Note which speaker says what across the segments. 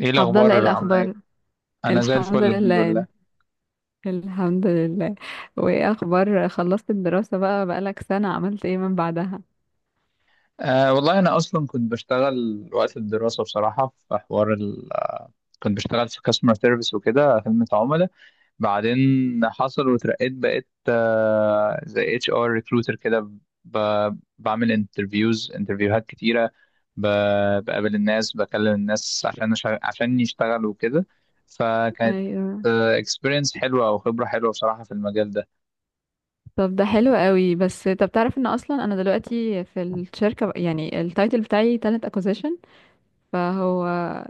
Speaker 1: ايه
Speaker 2: عبد الله، ايه
Speaker 1: الاخبار عامله ايه؟
Speaker 2: الاخبار؟
Speaker 1: انا زي
Speaker 2: الحمد
Speaker 1: الفل، الحمد
Speaker 2: لله
Speaker 1: لله.
Speaker 2: الحمد لله. وايه اخبار؟ خلصت الدراسة بقى بقالك سنة، عملت ايه من بعدها؟
Speaker 1: آه والله، انا اصلا كنت بشتغل وقت الدراسه بصراحه في حوار ال آه، كنت بشتغل في كاستمر سيرفيس وكده، خدمه عملاء. بعدين حصل واترقيت، بقيت زي اتش ار ريكروتر كده. بعمل انترفيوهات كتيره، بقابل الناس، بكلم الناس عشان عشان يشتغلوا وكده. فكانت
Speaker 2: ايوه.
Speaker 1: اكسبيرينس حلوه او خبره حلوه بصراحه في المجال ده.
Speaker 2: طب ده حلو قوي. بس طب تعرف ان اصلا انا دلوقتي في الشركة يعني التايتل بتاعي talent acquisition، فهو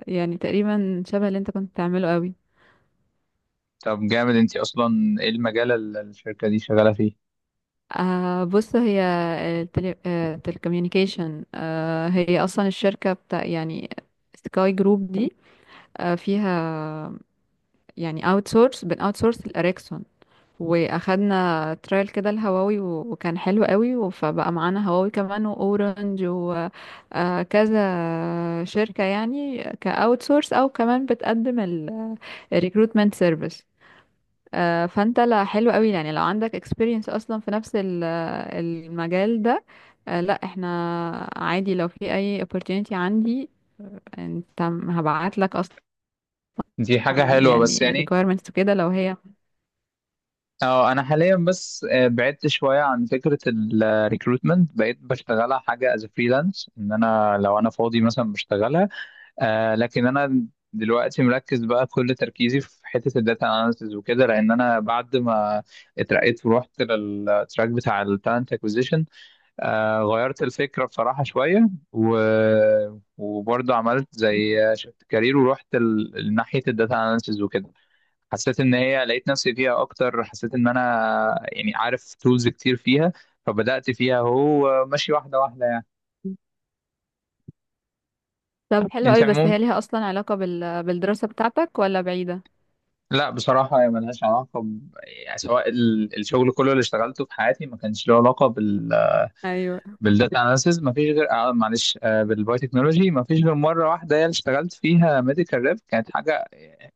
Speaker 2: يعني تقريبا شبه اللي انت كنت بتعمله قوي.
Speaker 1: طب جامد، انت اصلا ايه المجال اللي الشركه دي شغاله فيه؟
Speaker 2: بص هي التلي... آه telecommunication. هي اصلا الشركة بتاع يعني سكاي جروب دي. فيها يعني اوت سورس الاريكسون، واخدنا ترايل كده الهواوي وكان حلو قوي فبقى معانا هواوي كمان واورنج وكذا شركة، يعني كاوت سورس او كمان بتقدم الريكروتمنت سيرفيس. فانت لا حلو قوي، يعني لو عندك experience اصلا في نفس المجال ده. لا احنا عادي، لو في اي opportunity عندي انت هبعت لك، اصلا
Speaker 1: دي حاجه حلوه،
Speaker 2: يعني
Speaker 1: بس يعني
Speaker 2: requirements كده لو هي.
Speaker 1: اه انا حاليا بس بعدت شويه عن فكره الريكروتمنت، بقيت بشتغلها حاجه از فريلانس، ان انا لو انا فاضي مثلا بشتغلها. لكن انا دلوقتي مركز بقى، كل تركيزي في حته الداتا اناليسز وكده، لان انا بعد ما اترقيت ورحت للتراك بتاع التالنت اكوزيشن. غيرت الفكرة بصراحة شوية و وبرضه عملت زي شفت كارير، ورحت لناحية الداتا اناليسز وكده. حسيت ان هي لقيت نفسي فيها اكتر، حسيت ان انا يعني عارف تولز كتير فيها، فبدأت فيها، هو ماشي واحدة واحدة يعني.
Speaker 2: طب حلو
Speaker 1: انت
Speaker 2: قوي، بس
Speaker 1: عموم.
Speaker 2: هي ليها اصلا علاقة بالدراسة بتاعتك ولا بعيدة؟
Speaker 1: لا بصراحة، هي ملهاش علاقة ب يعني سواء الشغل كله اللي اشتغلته في حياتي ما كانش له علاقة بال
Speaker 2: ايوه.
Speaker 1: بالداتا اناليسز، ما فيش غير معلش بالبايو تكنولوجي، ما فيش غير مرة واحدة، هي اللي اشتغلت فيها ميديكال ريب كانت حاجة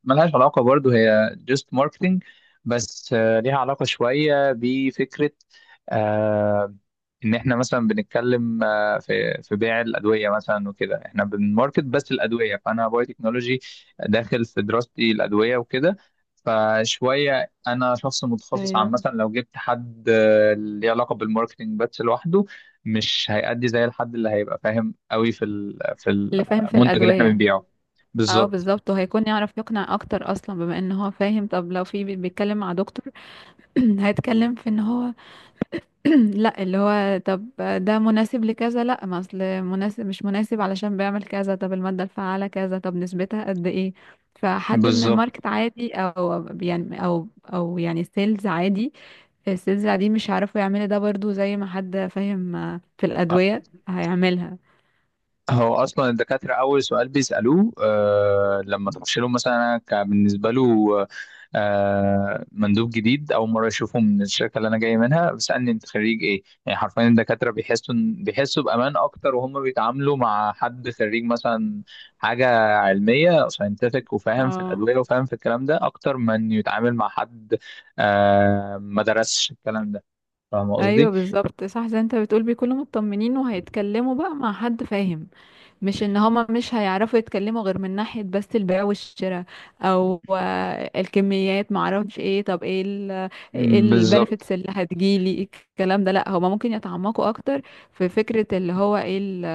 Speaker 1: ملهاش علاقة برضو، هي just marketing. بس ليها علاقة شوية بفكرة، آه، إن إحنا مثلا بنتكلم، في بيع الأدوية مثلا وكده، إحنا بنماركت بس الأدوية، فأنا باي تكنولوجي داخل في دراستي الأدوية وكده. فشوية أنا شخص متخصص، عن
Speaker 2: ايوه،
Speaker 1: مثلا لو جبت حد ليه علاقة بالماركتينج بس لوحده، مش هيأدي زي الحد اللي هيبقى فاهم قوي في
Speaker 2: اللي فاهم في
Speaker 1: المنتج اللي إحنا
Speaker 2: الأدوية.
Speaker 1: بنبيعه.
Speaker 2: اه،
Speaker 1: بالظبط،
Speaker 2: بالظبط، وهيكون يعرف يقنع اكتر اصلا بما ان هو فاهم. طب لو في بيتكلم مع دكتور، هيتكلم في ان هو، لا اللي هو طب ده مناسب لكذا، لا ما اصل مناسب مش مناسب علشان بيعمل كذا، طب المادة الفعالة كذا، طب نسبتها قد ايه؟ فحد من
Speaker 1: بالظبط.
Speaker 2: الماركت عادي، او يعني او يعني سيلز عادي، السلسلة دي مش عارفوا يعملوا ده، برضو زي ما حد فاهم في الأدوية هيعملها.
Speaker 1: هو اصلا الدكاتره اول سؤال بيسالوه لما تخش لهم، مثلا انا كان بالنسبه له مندوب جديد اول مره اشوفه من الشركه اللي انا جاي منها، بيسالني انت خريج ايه، يعني حرفيا الدكاتره بيحسوا بيحسوا بامان اكتر وهم بيتعاملوا مع حد خريج مثلا حاجه علميه ساينتفك، وفاهم في
Speaker 2: اه،
Speaker 1: الادويه، وفاهم في الكلام ده اكتر من يتعامل مع حد ما درسش الكلام ده، فاهم
Speaker 2: ايوه
Speaker 1: قصدي؟
Speaker 2: بالظبط صح. زي انت بتقول بيكونوا مطمنين وهيتكلموا بقى مع حد فاهم، مش ان هما مش هيعرفوا يتكلموا غير من ناحية بس البيع والشراء، او الكميات، معرفش ايه. طب ايه
Speaker 1: بالظبط،
Speaker 2: البنفيتس اللي هتجيلي؟ الكلام ده لا، هما ممكن يتعمقوا اكتر في فكرة اللي هو ايه ال-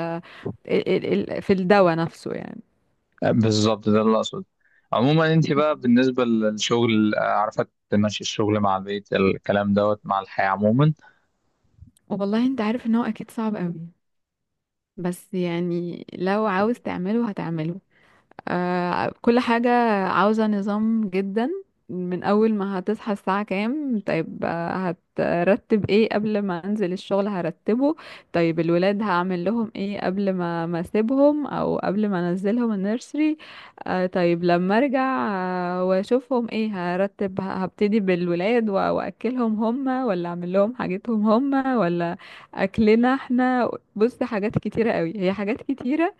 Speaker 2: ال- ال- إيه ال- في الدواء نفسه يعني.
Speaker 1: بالظبط، ده اللي اقصده. عموما، انت بقى بالنسبه للشغل عارفه تمشي الشغل مع البيت الكلام دوت مع الحياه عموما؟
Speaker 2: والله انت عارف ان هو اكيد صعب قوي، بس يعني لو عاوز تعمله هتعمله. كل حاجة عاوزة نظام جدا. من أول ما هتصحى الساعة كام، طيب هترتب ايه قبل ما أنزل الشغل هرتبه، طيب الولاد هعمل لهم ايه قبل ما أسيبهم أو قبل ما أنزلهم النيرسري. طيب لما أرجع وأشوفهم ايه هرتب هبتدي بالولاد وأكلهم هما ولا أعمل لهم حاجتهم هما، ولا أكلنا احنا. بص حاجات كتيرة قوي، هي حاجات كتيرة.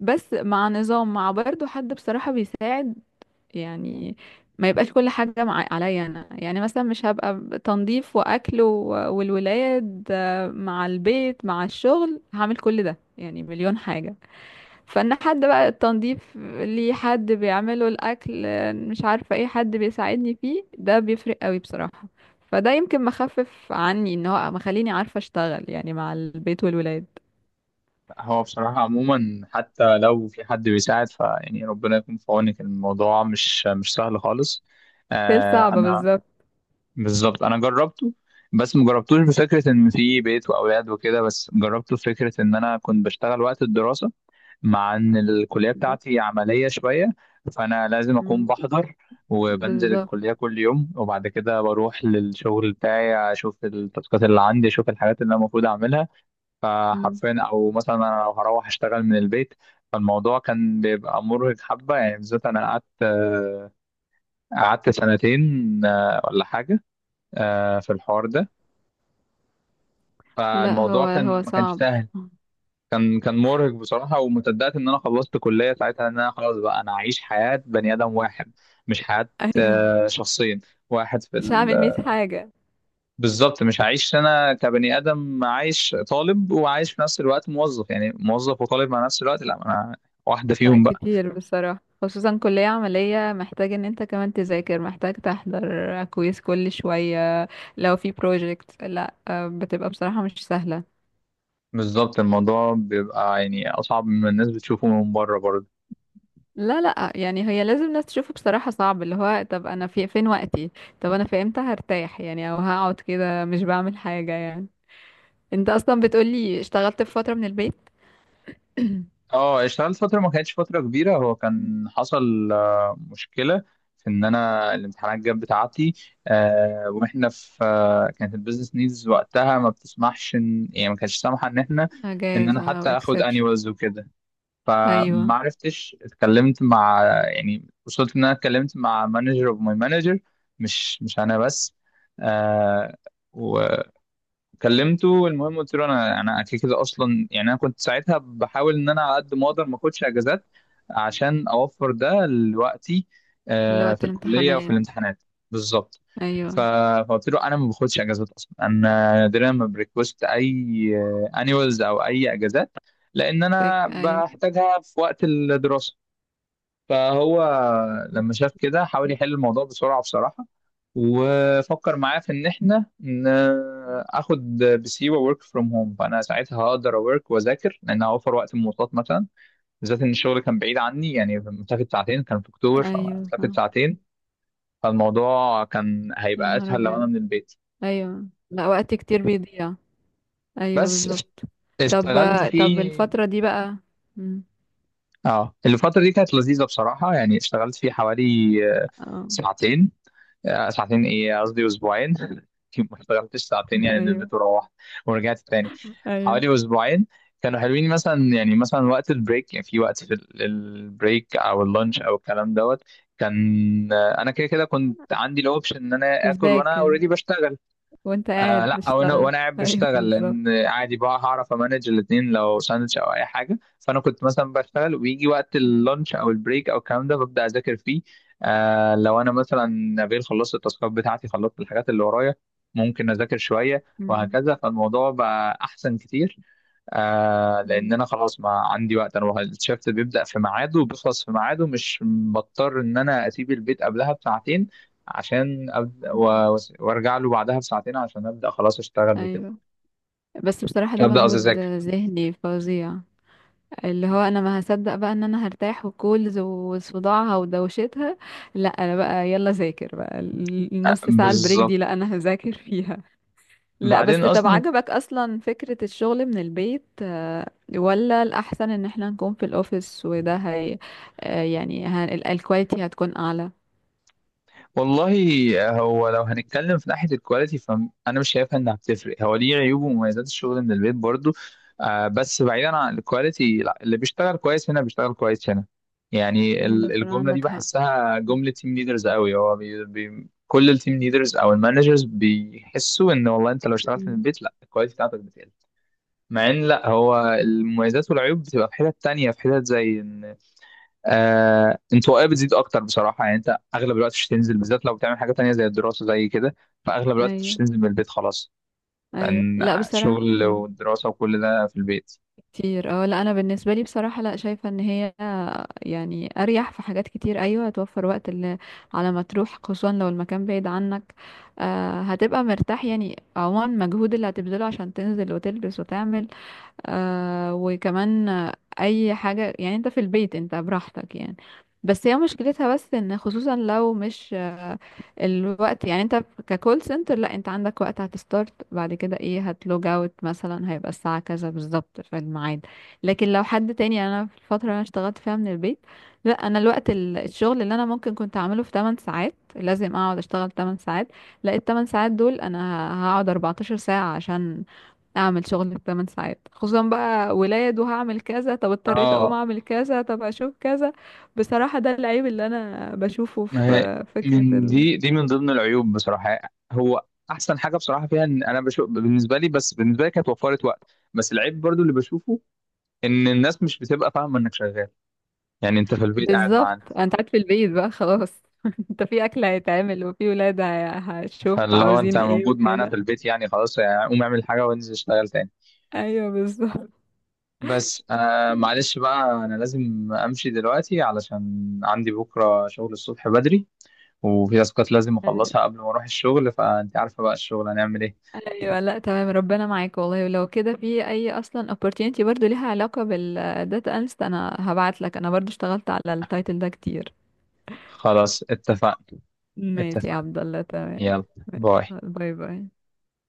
Speaker 2: بس مع نظام، مع برضو حد بصراحة بيساعد يعني، ما يبقاش كل حاجة مع عليا أنا، يعني مثلا مش هبقى تنظيف وأكل والولاد، مع البيت مع الشغل، هعمل كل ده يعني مليون حاجة. فإن حد بقى التنظيف ليه حد بيعمله، الأكل مش عارفة ايه، حد بيساعدني فيه، ده بيفرق قوي بصراحة. فده يمكن مخفف عني، ان هو مخليني عارفة اشتغل يعني مع البيت والولاد.
Speaker 1: هو بصراحه عموما، حتى لو في حد بيساعد فيعني ربنا يكون في عونك، الموضوع مش سهل خالص.
Speaker 2: ستيل صعبة،
Speaker 1: انا
Speaker 2: بالظبط.
Speaker 1: بالظبط، انا جربته. بس مجربتوش بفكره ان في بيت واولاد وكده، بس جربته فكره ان انا كنت بشتغل وقت الدراسه. مع ان الكليه بتاعتي عمليه شويه، فانا لازم اكون
Speaker 2: مم.
Speaker 1: بحضر، وبنزل
Speaker 2: بالظبط.
Speaker 1: الكليه كل يوم، وبعد كده بروح للشغل بتاعي، اشوف التاسكات اللي عندي، اشوف الحاجات اللي انا المفروض اعملها.
Speaker 2: مم.
Speaker 1: فحرفيا، او مثلا انا لو هروح اشتغل من البيت، فالموضوع كان بيبقى مرهق حبه، يعني بالذات انا قعدت، قعدت سنتين ولا حاجه في الحوار ده.
Speaker 2: لا
Speaker 1: فالموضوع
Speaker 2: هو
Speaker 1: كان،
Speaker 2: هو
Speaker 1: ما كانش
Speaker 2: صعب.
Speaker 1: سهل. كان مرهق بصراحة، وما صدقت إن أنا خلصت كلية ساعتها إن أنا خلاص بقى أنا أعيش حياة بني آدم واحد، مش حياة
Speaker 2: ايوه.
Speaker 1: شخصين، واحد في
Speaker 2: مش
Speaker 1: ال
Speaker 2: هعمل مية حاجة.
Speaker 1: بالظبط، مش هعيش أنا كبني آدم عايش طالب وعايش في نفس الوقت موظف، يعني موظف وطالب مع نفس الوقت، لا أنا واحدة
Speaker 2: لا
Speaker 1: فيهم بقى.
Speaker 2: كتير بصراحة، خصوصا كلية عملية، محتاج ان انت كمان تذاكر، محتاج تحضر كويس كل شوية. لو في بروجكت لا بتبقى بصراحة مش سهلة.
Speaker 1: بالظبط، الموضوع بيبقى يعني أصعب مما الناس بتشوفه من بره برضه.
Speaker 2: لا لا، يعني هي لازم ناس تشوفه، بصراحة صعب. اللي هو طب انا في فين وقتي؟ طب انا في امتى هرتاح؟ يعني او هقعد كده مش بعمل حاجة يعني. انت اصلا بتقولي اشتغلت في فترة من البيت.
Speaker 1: اه، اشتغلت فترة، ما كانتش فترة كبيرة. هو كان حصل مشكلة، في ان انا الامتحانات جت بتاعتي واحنا في كانت البيزنس نيدز وقتها ما بتسمحش ان، يعني ما كانتش سامحة ان احنا ان انا
Speaker 2: اجازة او
Speaker 1: حتى اخد
Speaker 2: اكسبشن.
Speaker 1: انيوالز وكده. فما
Speaker 2: ايوه،
Speaker 1: عرفتش، اتكلمت مع، يعني وصلت ان انا اتكلمت مع مانجر اوف ماي مانجر، مش انا بس. كلمته، المهم قلت له انا كده كده اصلا، يعني انا كنت ساعتها بحاول ان انا على قد ما اقدر ما اخدش اجازات، عشان اوفر ده لوقتي
Speaker 2: اللي
Speaker 1: في
Speaker 2: وقت
Speaker 1: الكليه وفي
Speaker 2: الامتحانات.
Speaker 1: الامتحانات. بالظبط. ف-
Speaker 2: ايوه.
Speaker 1: فقلت له انا ما باخدش اجازات اصلا، انا نادرا ما بريكوست اي انيوالز او اي اجازات، لان
Speaker 2: فاك
Speaker 1: انا
Speaker 2: ايوه.
Speaker 1: بحتاجها في وقت الدراسه. فهو
Speaker 2: م.
Speaker 1: لما شاف كده حاول يحل الموضوع بسرعة بصراحة، وفكر معاه في ان احنا اخد بسيوة ورك فروم هوم، فانا ساعتها هقدر اورك واذاكر لان هوفر وقت المواصلات مثلا، بالذات ان الشغل كان بعيد عني، يعني مسافة ساعتين كان في اكتوبر،
Speaker 2: ايوه
Speaker 1: فمسافة
Speaker 2: صح.
Speaker 1: ساعتين فالموضوع كان
Speaker 2: يا
Speaker 1: هيبقى
Speaker 2: نهار
Speaker 1: اسهل لو انا
Speaker 2: ابيض.
Speaker 1: من البيت.
Speaker 2: ايوه لا، وقت كتير بيضيع. ايوه
Speaker 1: بس
Speaker 2: بالظبط. طب
Speaker 1: اشتغلت
Speaker 2: طب
Speaker 1: فيه.
Speaker 2: الفترة دي بقى. م.
Speaker 1: اه، الفترة دي كانت لذيذة بصراحة، يعني اشتغلت فيه حوالي آه،
Speaker 2: اه.
Speaker 1: ساعتين، ساعتين ايه قصدي اسبوعين ما اشتغلتش ساعتين يعني،
Speaker 2: ايوه.
Speaker 1: نزلت وروحت ورجعت تاني،
Speaker 2: ايوه
Speaker 1: حوالي اسبوعين. كانوا حلوين، مثلا يعني مثلا وقت البريك، يعني في وقت البريك او اللانش او الكلام دوت، كان، انا كده كده كنت عندي الاوبشن ان انا اكل وانا
Speaker 2: بتذاكر
Speaker 1: اوريدي بشتغل.
Speaker 2: وانت قاعد
Speaker 1: لا وانا
Speaker 2: بتشتغل.
Speaker 1: وانا قاعد
Speaker 2: ايوه
Speaker 1: بشتغل،
Speaker 2: بالظبط.
Speaker 1: لان عادي بقى هعرف امانج الاثنين لو ساندوتش او اي حاجه، فانا كنت مثلا بشتغل ويجي وقت
Speaker 2: م.
Speaker 1: اللانش او البريك او الكلام ده ببدا اذاكر فيه. لو انا مثلا نبيل خلصت التاسكات بتاعتي، خلصت الحاجات اللي ورايا، ممكن اذاكر شويه
Speaker 2: م.
Speaker 1: وهكذا، فالموضوع بقى احسن كتير.
Speaker 2: م.
Speaker 1: لان انا خلاص ما عندي وقت، انا الشفت بيبدا في ميعاده وبيخلص في ميعاده، مش بضطر ان انا اسيب البيت قبلها بساعتين عشان ابدا
Speaker 2: م.
Speaker 1: وارجع له بعدها بساعتين عشان ابدا خلاص اشتغل وكده.
Speaker 2: ايوه. بس بصراحة ده
Speaker 1: ابدا، قصدي
Speaker 2: مجهود
Speaker 1: اذاكر.
Speaker 2: ذهني فظيع. اللي هو انا ما هصدق بقى ان انا هرتاح وكولز وصداعها ودوشتها. لا انا بقى يلا ذاكر بقى النص ساعة البريك دي،
Speaker 1: بالظبط.
Speaker 2: لا انا هذاكر فيها. لا
Speaker 1: بعدين
Speaker 2: بس طب
Speaker 1: اصلا
Speaker 2: عجبك اصلا فكرة الشغل من البيت ولا الاحسن ان احنا نكون في الاوفيس وده هي، يعني الكواليتي هتكون اعلى؟
Speaker 1: والله، هو لو هنتكلم في ناحية الكواليتي فأنا مش شايفها إنها بتفرق، هو ليه عيوب ومميزات الشغل من البيت برضو. بس بعيدا عن الكواليتي، لا اللي بيشتغل كويس هنا بيشتغل كويس هنا. يعني
Speaker 2: بس
Speaker 1: الجملة دي
Speaker 2: عندك حق.
Speaker 1: بحسها
Speaker 2: م-
Speaker 1: جملة تيم ليدرز قوي، هو بي بي كل التيم ليدرز أو المانجرز بيحسوا إن والله أنت لو اشتغلت من
Speaker 2: م.
Speaker 1: البيت، لا الكواليتي بتاعتك بتقل. مع إن لا، هو المميزات والعيوب بتبقى في حتت تانية، في حتت زي إن انطوائيه بتزيد اكتر بصراحه، يعني انت اغلب الوقت مش هتنزل بالذات لو بتعمل حاجه تانية زي الدراسه زي كده، فاغلب الوقت مش
Speaker 2: ايوه
Speaker 1: هتنزل من البيت خلاص،
Speaker 2: ايوه.
Speaker 1: لان
Speaker 2: لا بصراحة
Speaker 1: شغل ودراسه وكل ده في البيت.
Speaker 2: كتير. اه لا، انا بالنسبه لي بصراحه لا، شايفه ان هي يعني اريح في حاجات كتير. ايوه، هتوفر وقت اللي على ما تروح خصوصا لو المكان بعيد عنك، هتبقى مرتاح، يعني عموما المجهود اللي هتبذله عشان تنزل وتلبس وتعمل، آه وكمان آه، اي حاجة، يعني انت في البيت انت براحتك يعني. بس هي مشكلتها بس ان خصوصا لو مش الوقت، يعني انت ككول سنتر لا انت عندك وقت هتستارت، بعد كده ايه هتلوج اوت مثلا، هيبقى الساعة كذا بالظبط في الميعاد. لكن لو حد تاني، يعني انا في الفترة اللي انا اشتغلت فيها من البيت، لا انا الوقت الشغل اللي انا ممكن كنت اعمله في 8 ساعات لازم اقعد اشتغل 8 ساعات، لا ال 8 ساعات دول انا هقعد 14 ساعة عشان اعمل شغل الثمان ساعات، خصوصا بقى ولاد وهعمل كذا طب اضطريت اقوم
Speaker 1: اه،
Speaker 2: اعمل كذا طب اشوف كذا. بصراحة ده العيب اللي انا بشوفه
Speaker 1: ما هي
Speaker 2: في فكرة
Speaker 1: من دي من ضمن العيوب بصراحه. هو احسن حاجه بصراحه فيها ان انا بشوف، بالنسبه لي، بس بالنسبه لي كانت وفرت وقت. بس العيب برضو اللي بشوفه ان الناس مش بتبقى فاهمه انك شغال، يعني انت في البيت قاعد معانا.
Speaker 2: بالظبط. انت قاعد في البيت بقى خلاص، انت في اكل هيتعمل وفي ولاد هشوف
Speaker 1: فاللي هو انت
Speaker 2: عاوزين ايه
Speaker 1: موجود معانا في
Speaker 2: وكده.
Speaker 1: البيت، يعني خلاص، يعني قوم اعمل حاجه وانزل اشتغل تاني.
Speaker 2: ايوه بالظبط.
Speaker 1: بس معلش بقى، انا لازم امشي دلوقتي علشان عندي بكره شغل الصبح بدري، وفي تاسكات لازم اخلصها قبل ما اروح الشغل، فانت عارفه بقى الشغل هنعمل ايه.
Speaker 2: ايوه لا تمام، ربنا معاك والله. ولو كده في اي اصلا opportunity برضو ليها علاقة بالداتا analyst انا هبعت لك، انا برضو اشتغلت على التايتل ده كتير.
Speaker 1: خلاص، اتفقنا.
Speaker 2: ماشي يا
Speaker 1: اتفقنا.
Speaker 2: عبد الله تمام.
Speaker 1: يلا، باي.
Speaker 2: باي باي.